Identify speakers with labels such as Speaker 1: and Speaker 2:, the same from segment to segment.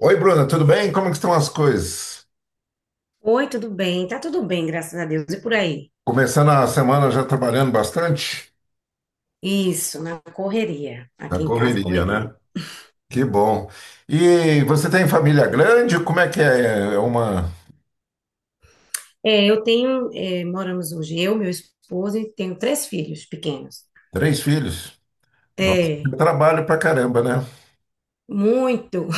Speaker 1: Oi, Bruna, tudo bem? Como é que estão as coisas?
Speaker 2: Oi, tudo bem? Tá tudo bem, graças a Deus. E por aí?
Speaker 1: Começando a semana já trabalhando bastante?
Speaker 2: Isso, na correria.
Speaker 1: Na
Speaker 2: Aqui em casa,
Speaker 1: correria,
Speaker 2: correria.
Speaker 1: né? Que bom. E você tem família grande? Como é que é? É uma...
Speaker 2: É, eu tenho, moramos hoje, eu, meu esposo, e tenho três filhos pequenos.
Speaker 1: Três filhos? Nossa,
Speaker 2: É,
Speaker 1: trabalho pra caramba, né?
Speaker 2: muito.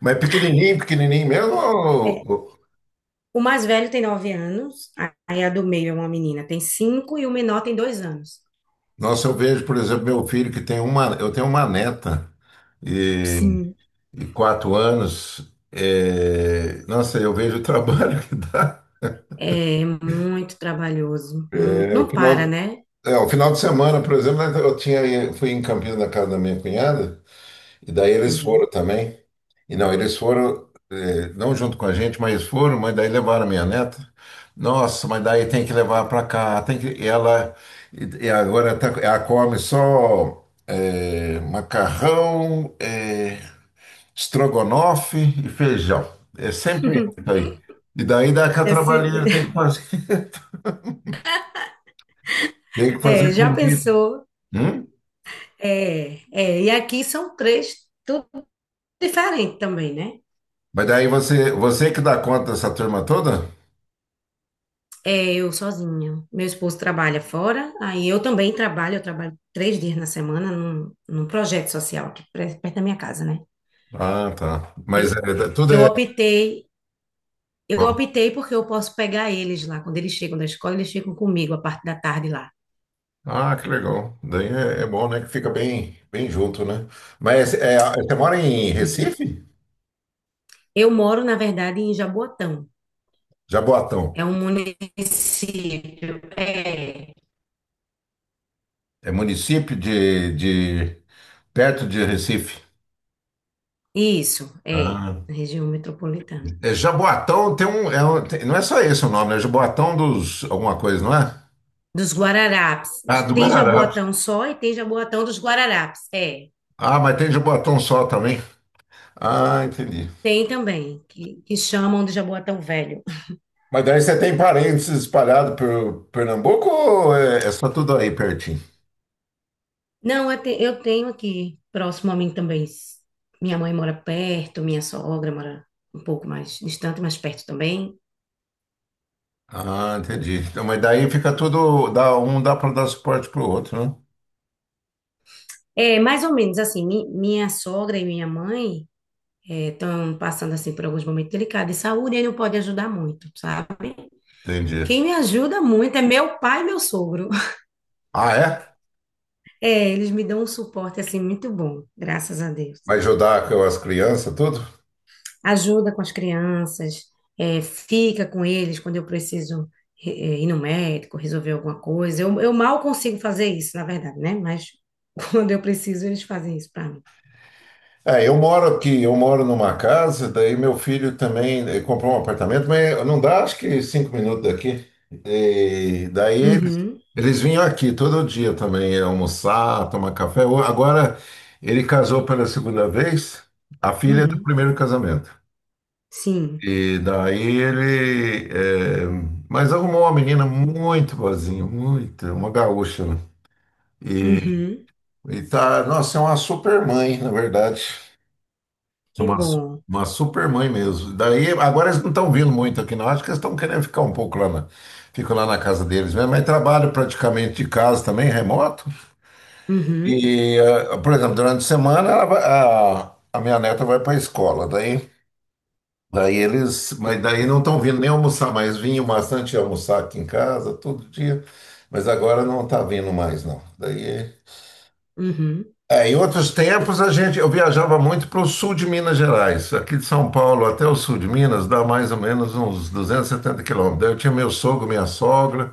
Speaker 1: Mas é pequenininho, pequenininho mesmo?
Speaker 2: É, o mais velho tem 9 anos, aí a do meio é uma menina, tem 5, e o menor tem 2 anos.
Speaker 1: Nossa, eu vejo, por exemplo, meu filho que tem uma... Eu tenho uma neta e,
Speaker 2: Sim,
Speaker 1: e 4 anos. É, nossa, eu vejo o trabalho que dá.
Speaker 2: é muito trabalhoso, muito.
Speaker 1: É, o
Speaker 2: Não
Speaker 1: final
Speaker 2: para, né?
Speaker 1: É, o final de semana, por exemplo, fui em Campinas na casa da minha cunhada, e daí eles foram
Speaker 2: Uhum.
Speaker 1: também. E não, eles foram, não junto com a gente, mas foram, mas daí levaram a minha neta. Nossa, mas daí tem que levar para cá, tem que, e ela, e agora tá, ela come só macarrão, estrogonofe e feijão. É sempre isso aí. E daí dá aquela trabalheira,
Speaker 2: Esse-
Speaker 1: tem que fazer, tem que fazer
Speaker 2: É, já
Speaker 1: comida.
Speaker 2: pensou?
Speaker 1: Hum?
Speaker 2: É, é, e aqui são três. Diferente também, né?
Speaker 1: Mas daí você, que dá conta dessa turma toda?
Speaker 2: É, eu sozinha. Meu esposo trabalha fora, aí eu também trabalho, eu trabalho 3 dias na semana num projeto social aqui perto da minha casa, né?
Speaker 1: Ah, tá.
Speaker 2: Eu,
Speaker 1: Mas é, é, tudo
Speaker 2: eu
Speaker 1: é.
Speaker 2: optei, eu optei porque eu posso pegar eles lá. Quando eles chegam da escola, eles ficam comigo a parte da tarde lá.
Speaker 1: Ah, que legal. Daí é, é bom, né? Que fica bem, bem junto, né? Mas é, você mora em
Speaker 2: Uhum.
Speaker 1: Recife?
Speaker 2: Eu moro, na verdade, em Jaboatão.
Speaker 1: Jaboatão.
Speaker 2: É um município. É,
Speaker 1: É município de perto de Recife.
Speaker 2: isso, é,
Speaker 1: Ah.
Speaker 2: na região metropolitana.
Speaker 1: É Jaboatão tem um, é não é só esse o nome, é Jaboatão dos alguma coisa, não é?
Speaker 2: Dos Guararapes.
Speaker 1: Ah, do
Speaker 2: Tem Jaboatão
Speaker 1: Guararapes.
Speaker 2: só e tem Jaboatão dos Guararapes. É,
Speaker 1: Ah, mas tem Jaboatão só também. Ah, entendi.
Speaker 2: tem também, que chamam de Jaboatão velho.
Speaker 1: Mas daí você tem parentes espalhados por Pernambuco ou é, é só tudo aí pertinho?
Speaker 2: Não, eu, eu tenho aqui, próximo a mim também. Minha mãe mora perto, minha sogra mora um pouco mais distante, mas perto também.
Speaker 1: Ah, entendi. Então, mas daí fica tudo, dá, um dá para dar suporte pro outro, né?
Speaker 2: É, mais ou menos assim, minha sogra e minha mãe estão passando assim por alguns momentos delicados de saúde e não pode ajudar muito, sabe?
Speaker 1: Entendi.
Speaker 2: Quem me ajuda muito é meu pai e meu sogro.
Speaker 1: Ah, é?
Speaker 2: É, eles me dão um suporte assim muito bom, graças a Deus.
Speaker 1: Vai ajudar com as crianças, tudo?
Speaker 2: Ajuda com as crianças, é, fica com eles quando eu preciso, é, é, ir no médico, resolver alguma coisa. Eu mal consigo fazer isso, na verdade, né? Mas quando eu preciso, eles fazem isso para mim.
Speaker 1: É, eu moro aqui, eu moro numa casa, daí meu filho também comprou um apartamento, mas não dá, acho que 5 minutos daqui. E daí eles,
Speaker 2: Uhum,
Speaker 1: eles vinham aqui todo dia também almoçar, tomar café. Agora ele casou pela segunda vez, a filha é do
Speaker 2: uhum,
Speaker 1: primeiro casamento.
Speaker 2: sim,
Speaker 1: E daí ele, mas arrumou uma menina muito boazinha, muito, uma gaúcha, né? E,
Speaker 2: uhum,
Speaker 1: e tá, nossa, é uma super mãe, na verdade.
Speaker 2: que
Speaker 1: Uma, su-
Speaker 2: bom.
Speaker 1: uma super mãe mesmo. Daí, agora eles não estão vindo muito aqui, não. Acho que eles estão querendo ficar um pouco ficam lá na casa deles mesmo. Mas trabalho praticamente de casa também, remoto.
Speaker 2: Uhum,
Speaker 1: E, por exemplo, durante a semana a minha neta vai para a escola. Daí eles, mas daí não estão vindo nem almoçar mais. Vinham bastante almoçar aqui em casa todo dia, mas agora não está vindo mais, não. Daí
Speaker 2: uhum,
Speaker 1: é, em outros tempos eu viajava muito para o sul de Minas Gerais. Aqui de São Paulo até o sul de Minas dá mais ou menos uns 270 quilômetros. Daí eu tinha meu sogro, minha sogra,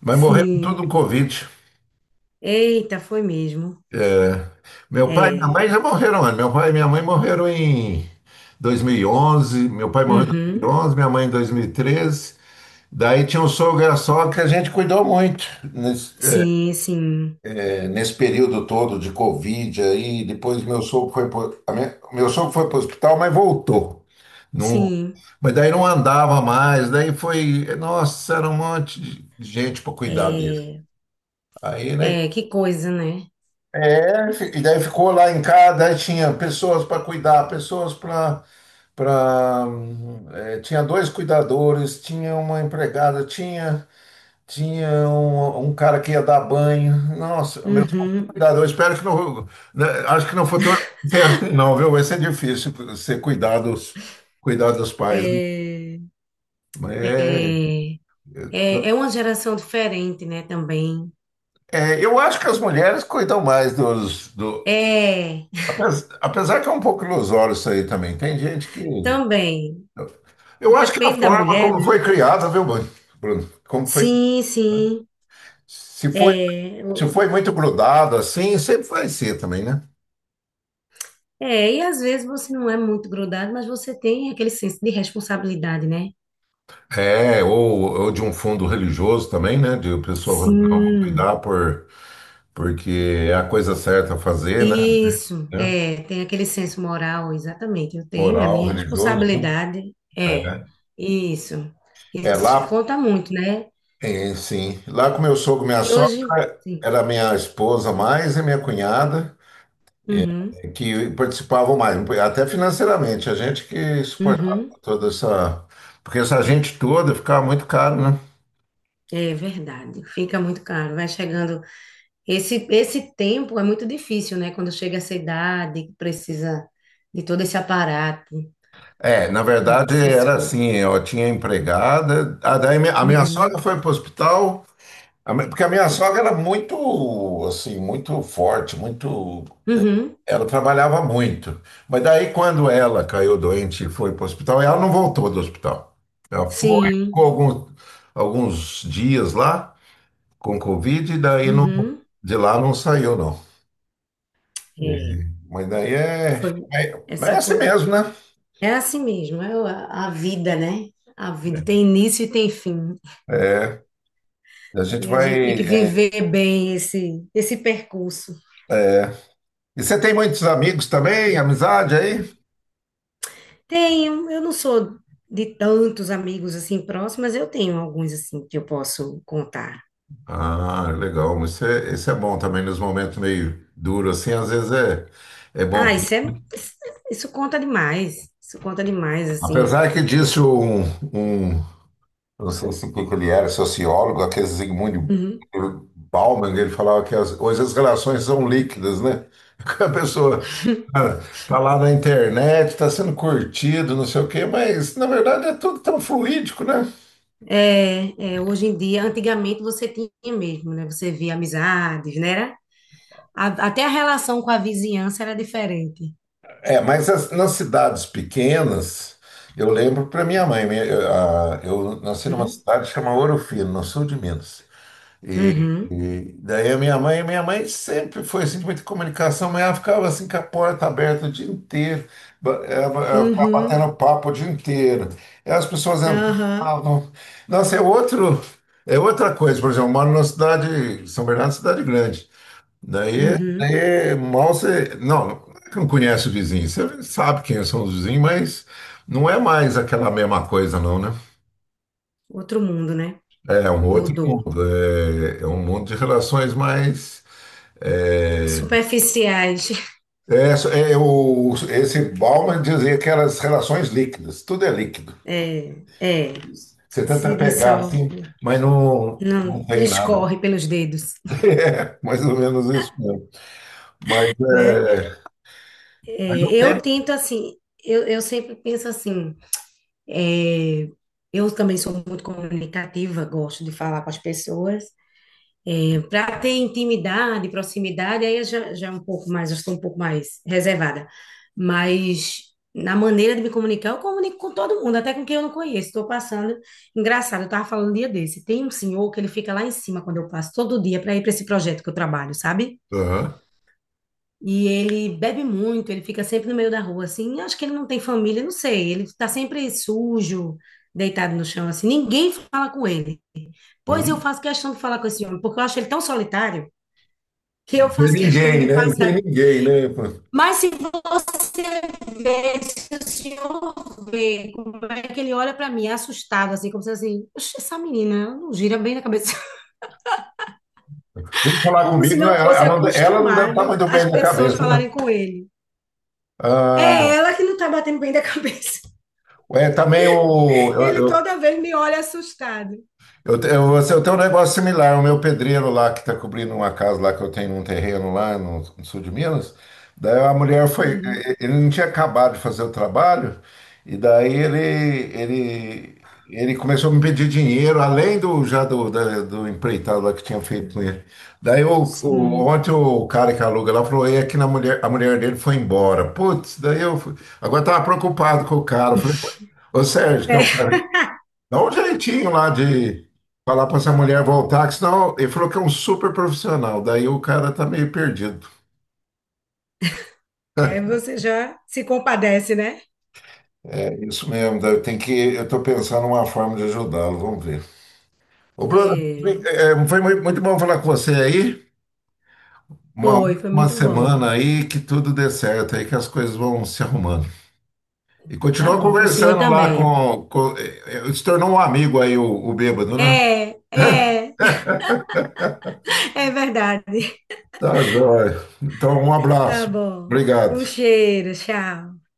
Speaker 1: mas morreram tudo
Speaker 2: sim.
Speaker 1: no Covid.
Speaker 2: Eita, foi mesmo.
Speaker 1: Meu pai e minha mãe
Speaker 2: É,
Speaker 1: já morreram antes. Meu pai e minha mãe morreram em 2011. Meu pai morreu em dois
Speaker 2: uhum,
Speaker 1: mil e onze minha mãe em 2013. Daí tinha um sogro e a sogra que a gente cuidou muito.
Speaker 2: sim, sim,
Speaker 1: É, nesse período todo de Covid aí, depois meu sogro foi para o hospital, mas voltou. Não,
Speaker 2: sim.
Speaker 1: mas daí não andava mais, daí foi, nossa, era um monte de gente para cuidar dele.
Speaker 2: É,
Speaker 1: Aí, né?
Speaker 2: é, que coisa, né?
Speaker 1: É, e daí ficou lá em casa, daí tinha pessoas para cuidar, pessoas para, para tinha dois cuidadores, tinha uma empregada, tinha um cara que ia dar banho. Nossa, meu
Speaker 2: Uhum.
Speaker 1: cuidado, eu espero que não. Né, acho que no futuro não tem, arte, não, viu? Vai ser difícil ser cuidados, cuidar dos pais, né?
Speaker 2: É,
Speaker 1: Mas é,
Speaker 2: é, é, é uma geração diferente, né, também.
Speaker 1: é, eu acho que as mulheres cuidam mais dos. Do,
Speaker 2: É,
Speaker 1: Apesar que é um pouco ilusório isso aí também. Tem gente que.
Speaker 2: também.
Speaker 1: Eu acho que a
Speaker 2: Depende da
Speaker 1: forma
Speaker 2: mulher,
Speaker 1: como
Speaker 2: né?
Speaker 1: foi criada, viu, Bruno? Bruno, como foi.
Speaker 2: Sim, sim.
Speaker 1: Se foi,
Speaker 2: É,
Speaker 1: se foi muito grudado assim, sempre vai ser também, né?
Speaker 2: é, e às vezes você não é muito grudado, mas você tem aquele senso de responsabilidade, né?
Speaker 1: É, ou de um fundo religioso também, né? De pessoa, não, vou
Speaker 2: Sim,
Speaker 1: cuidar por, porque é a coisa certa a fazer, né?
Speaker 2: isso.
Speaker 1: É.
Speaker 2: É, tem aquele senso moral, exatamente. Eu tenho, é a
Speaker 1: Moral,
Speaker 2: minha
Speaker 1: religioso, né?
Speaker 2: responsabilidade. É,
Speaker 1: É,
Speaker 2: isso.
Speaker 1: é,
Speaker 2: Isso
Speaker 1: lá,
Speaker 2: conta muito, né?
Speaker 1: é, sim. Lá com meu sogro, minha
Speaker 2: Que
Speaker 1: sogra,
Speaker 2: hoje, sim.
Speaker 1: era minha esposa mais e minha cunhada,
Speaker 2: Uhum.
Speaker 1: que participavam mais, até financeiramente, a gente que suportava
Speaker 2: Uhum,
Speaker 1: toda essa. Porque essa gente toda ficava muito caro, né?
Speaker 2: é verdade, fica muito caro, vai chegando. Esse tempo é muito difícil, né? Quando chega essa idade, que precisa de todo esse aparato,
Speaker 1: É, na verdade
Speaker 2: essas
Speaker 1: era
Speaker 2: coisas.
Speaker 1: assim, eu tinha empregada, a, daí a minha
Speaker 2: Uhum,
Speaker 1: sogra foi para o hospital, porque a minha sogra era muito, assim, muito forte, muito.
Speaker 2: uhum,
Speaker 1: Ela trabalhava muito. Mas daí, quando ela caiu doente e foi para o hospital, ela não voltou do hospital. Ela foi,
Speaker 2: sim,
Speaker 1: ficou alguns dias lá com Covid, e daí não,
Speaker 2: uhum.
Speaker 1: de lá não saiu, não. É.
Speaker 2: É,
Speaker 1: Mas daí é,
Speaker 2: foi
Speaker 1: é, é
Speaker 2: essa
Speaker 1: assim
Speaker 2: coisa.
Speaker 1: mesmo, né?
Speaker 2: É assim mesmo, é a vida, né? A vida tem início e tem fim.
Speaker 1: É, a gente
Speaker 2: E a gente tem
Speaker 1: vai.
Speaker 2: que
Speaker 1: É,
Speaker 2: viver bem esse percurso.
Speaker 1: é. E você tem muitos amigos também, amizade aí?
Speaker 2: Tenho, eu não sou de tantos amigos assim próximos, mas eu tenho alguns assim que eu posso contar.
Speaker 1: Ah, legal. Mas isso é, isso é bom também nos momentos meio duros, assim, às vezes é, é bom.
Speaker 2: Ah, isso é, isso conta demais. Isso conta demais, assim.
Speaker 1: Apesar que disse um, um Eu não sei se o que que ele era, sociólogo, aquele Zygmunt
Speaker 2: Uhum.
Speaker 1: Bauman, ele falava que as, hoje as relações são líquidas, né? A pessoa, ah, tá lá na internet, tá sendo curtido, não sei o quê, mas na verdade é tudo tão fluídico, né?
Speaker 2: É, é, hoje em dia, antigamente você tinha mesmo, né? Você via amizades, né? Até a relação com a vizinhança era diferente.
Speaker 1: É, mas nas cidades pequenas, eu lembro para minha mãe, eu nasci numa
Speaker 2: Uhum.
Speaker 1: cidade chamada Ouro Fino, no sul de Minas.
Speaker 2: Uhum.
Speaker 1: E daí a minha mãe sempre foi assim, de muita comunicação, mas ela ficava assim com a porta aberta o dia inteiro, ela ficava
Speaker 2: Uhum.
Speaker 1: batendo papo o dia inteiro. E as pessoas
Speaker 2: Aham.
Speaker 1: entravam. Nossa, é outro, é outra coisa, por exemplo, eu moro numa cidade, São Bernardo, é uma cidade grande. Daí,
Speaker 2: Uhum.
Speaker 1: daí mal você. Não, não é que não conhece o vizinho, você sabe quem são os vizinhos, mas não é mais aquela mesma coisa, não, né?
Speaker 2: Outro mundo, né?
Speaker 1: É um outro
Speaker 2: Mudou.
Speaker 1: mundo, é, é um mundo de relações mais. É,
Speaker 2: Superficiais.
Speaker 1: esse Bauman dizia que eram as relações líquidas, tudo é líquido.
Speaker 2: É, é.
Speaker 1: Você
Speaker 2: Se
Speaker 1: tenta
Speaker 2: diz
Speaker 1: pegar
Speaker 2: só.
Speaker 1: assim, mas não,
Speaker 2: Não,
Speaker 1: não tem nada.
Speaker 2: escorre pelos dedos,
Speaker 1: É, mais ou menos isso mesmo. Mas,
Speaker 2: né?
Speaker 1: é, mas o
Speaker 2: É, eu
Speaker 1: tempo.
Speaker 2: tento assim, eu sempre penso assim, é, eu também sou muito comunicativa, gosto de falar com as pessoas, para ter intimidade, proximidade, aí eu já um pouco mais, eu sou um pouco mais reservada, mas na maneira de me comunicar, eu comunico com todo mundo, até com quem eu não conheço, estou passando, engraçado, eu estava falando um dia desse, tem um senhor que ele fica lá em cima quando eu passo, todo dia, para ir para esse projeto que eu trabalho, sabe?
Speaker 1: Aham.
Speaker 2: E ele bebe muito, ele fica sempre no meio da rua, assim. Acho que ele não tem família, não sei. Ele tá sempre sujo, deitado no chão, assim. Ninguém fala com ele. Pois eu
Speaker 1: Uhum.
Speaker 2: faço questão de falar com esse homem, porque eu acho ele tão solitário que
Speaker 1: Não
Speaker 2: eu
Speaker 1: tem
Speaker 2: faço questão
Speaker 1: ninguém,
Speaker 2: de
Speaker 1: né? Não tem
Speaker 2: passar.
Speaker 1: ninguém, né?
Speaker 2: Mas se você vê, se o senhor vê como é que ele olha para mim, assustado, assim, como se assim, "Oxe, essa menina ela não gira bem na cabeça."
Speaker 1: Vem falar
Speaker 2: Como se
Speaker 1: comigo, né?
Speaker 2: não
Speaker 1: ela,
Speaker 2: fosse
Speaker 1: ela não ela não deve estar
Speaker 2: acostumado
Speaker 1: muito
Speaker 2: as
Speaker 1: bem na
Speaker 2: pessoas
Speaker 1: cabeça, né?
Speaker 2: falarem com ele.
Speaker 1: Ah,
Speaker 2: É ela que não tá batendo bem da cabeça.
Speaker 1: é, também o,
Speaker 2: Ele
Speaker 1: eu,
Speaker 2: toda vez me olha assustado.
Speaker 1: eu tenho um negócio similar. O meu pedreiro lá, que está cobrindo uma casa lá, que eu tenho um terreno lá no, no sul de Minas, daí a mulher foi.
Speaker 2: Uhum.
Speaker 1: Ele não tinha acabado de fazer o trabalho, e daí ele, ele começou a me pedir dinheiro, além do já do empreitado lá que tinha feito com ele. Daí
Speaker 2: Sim.
Speaker 1: ontem o cara que aluga lá falou: ei aqui na mulher, a mulher dele foi embora. Putz, daí eu fui. Agora estava preocupado com o cara. Eu falei, ô Sérgio, que é o cara. Dá um jeitinho lá de falar pra essa mulher voltar, que senão ele falou que é um super profissional. Daí o cara tá meio perdido.
Speaker 2: É, você já se compadece, né?
Speaker 1: É isso mesmo, daí eu tô pensando uma forma de ajudá-lo, vamos ver. Ô, Bruno,
Speaker 2: É,
Speaker 1: é, foi muito bom falar com você aí. Uma
Speaker 2: foi, foi
Speaker 1: ótima
Speaker 2: muito bom.
Speaker 1: semana aí, que tudo dê certo aí, que as coisas vão se arrumando. E
Speaker 2: Tá
Speaker 1: continua
Speaker 2: bom, pro senhor
Speaker 1: conversando lá
Speaker 2: também.
Speaker 1: se tornou um amigo aí, o bêbado, né?
Speaker 2: É, é, é verdade.
Speaker 1: Tá joia. Então, um
Speaker 2: Tá
Speaker 1: abraço.
Speaker 2: bom. Um
Speaker 1: Obrigado.
Speaker 2: cheiro, tchau.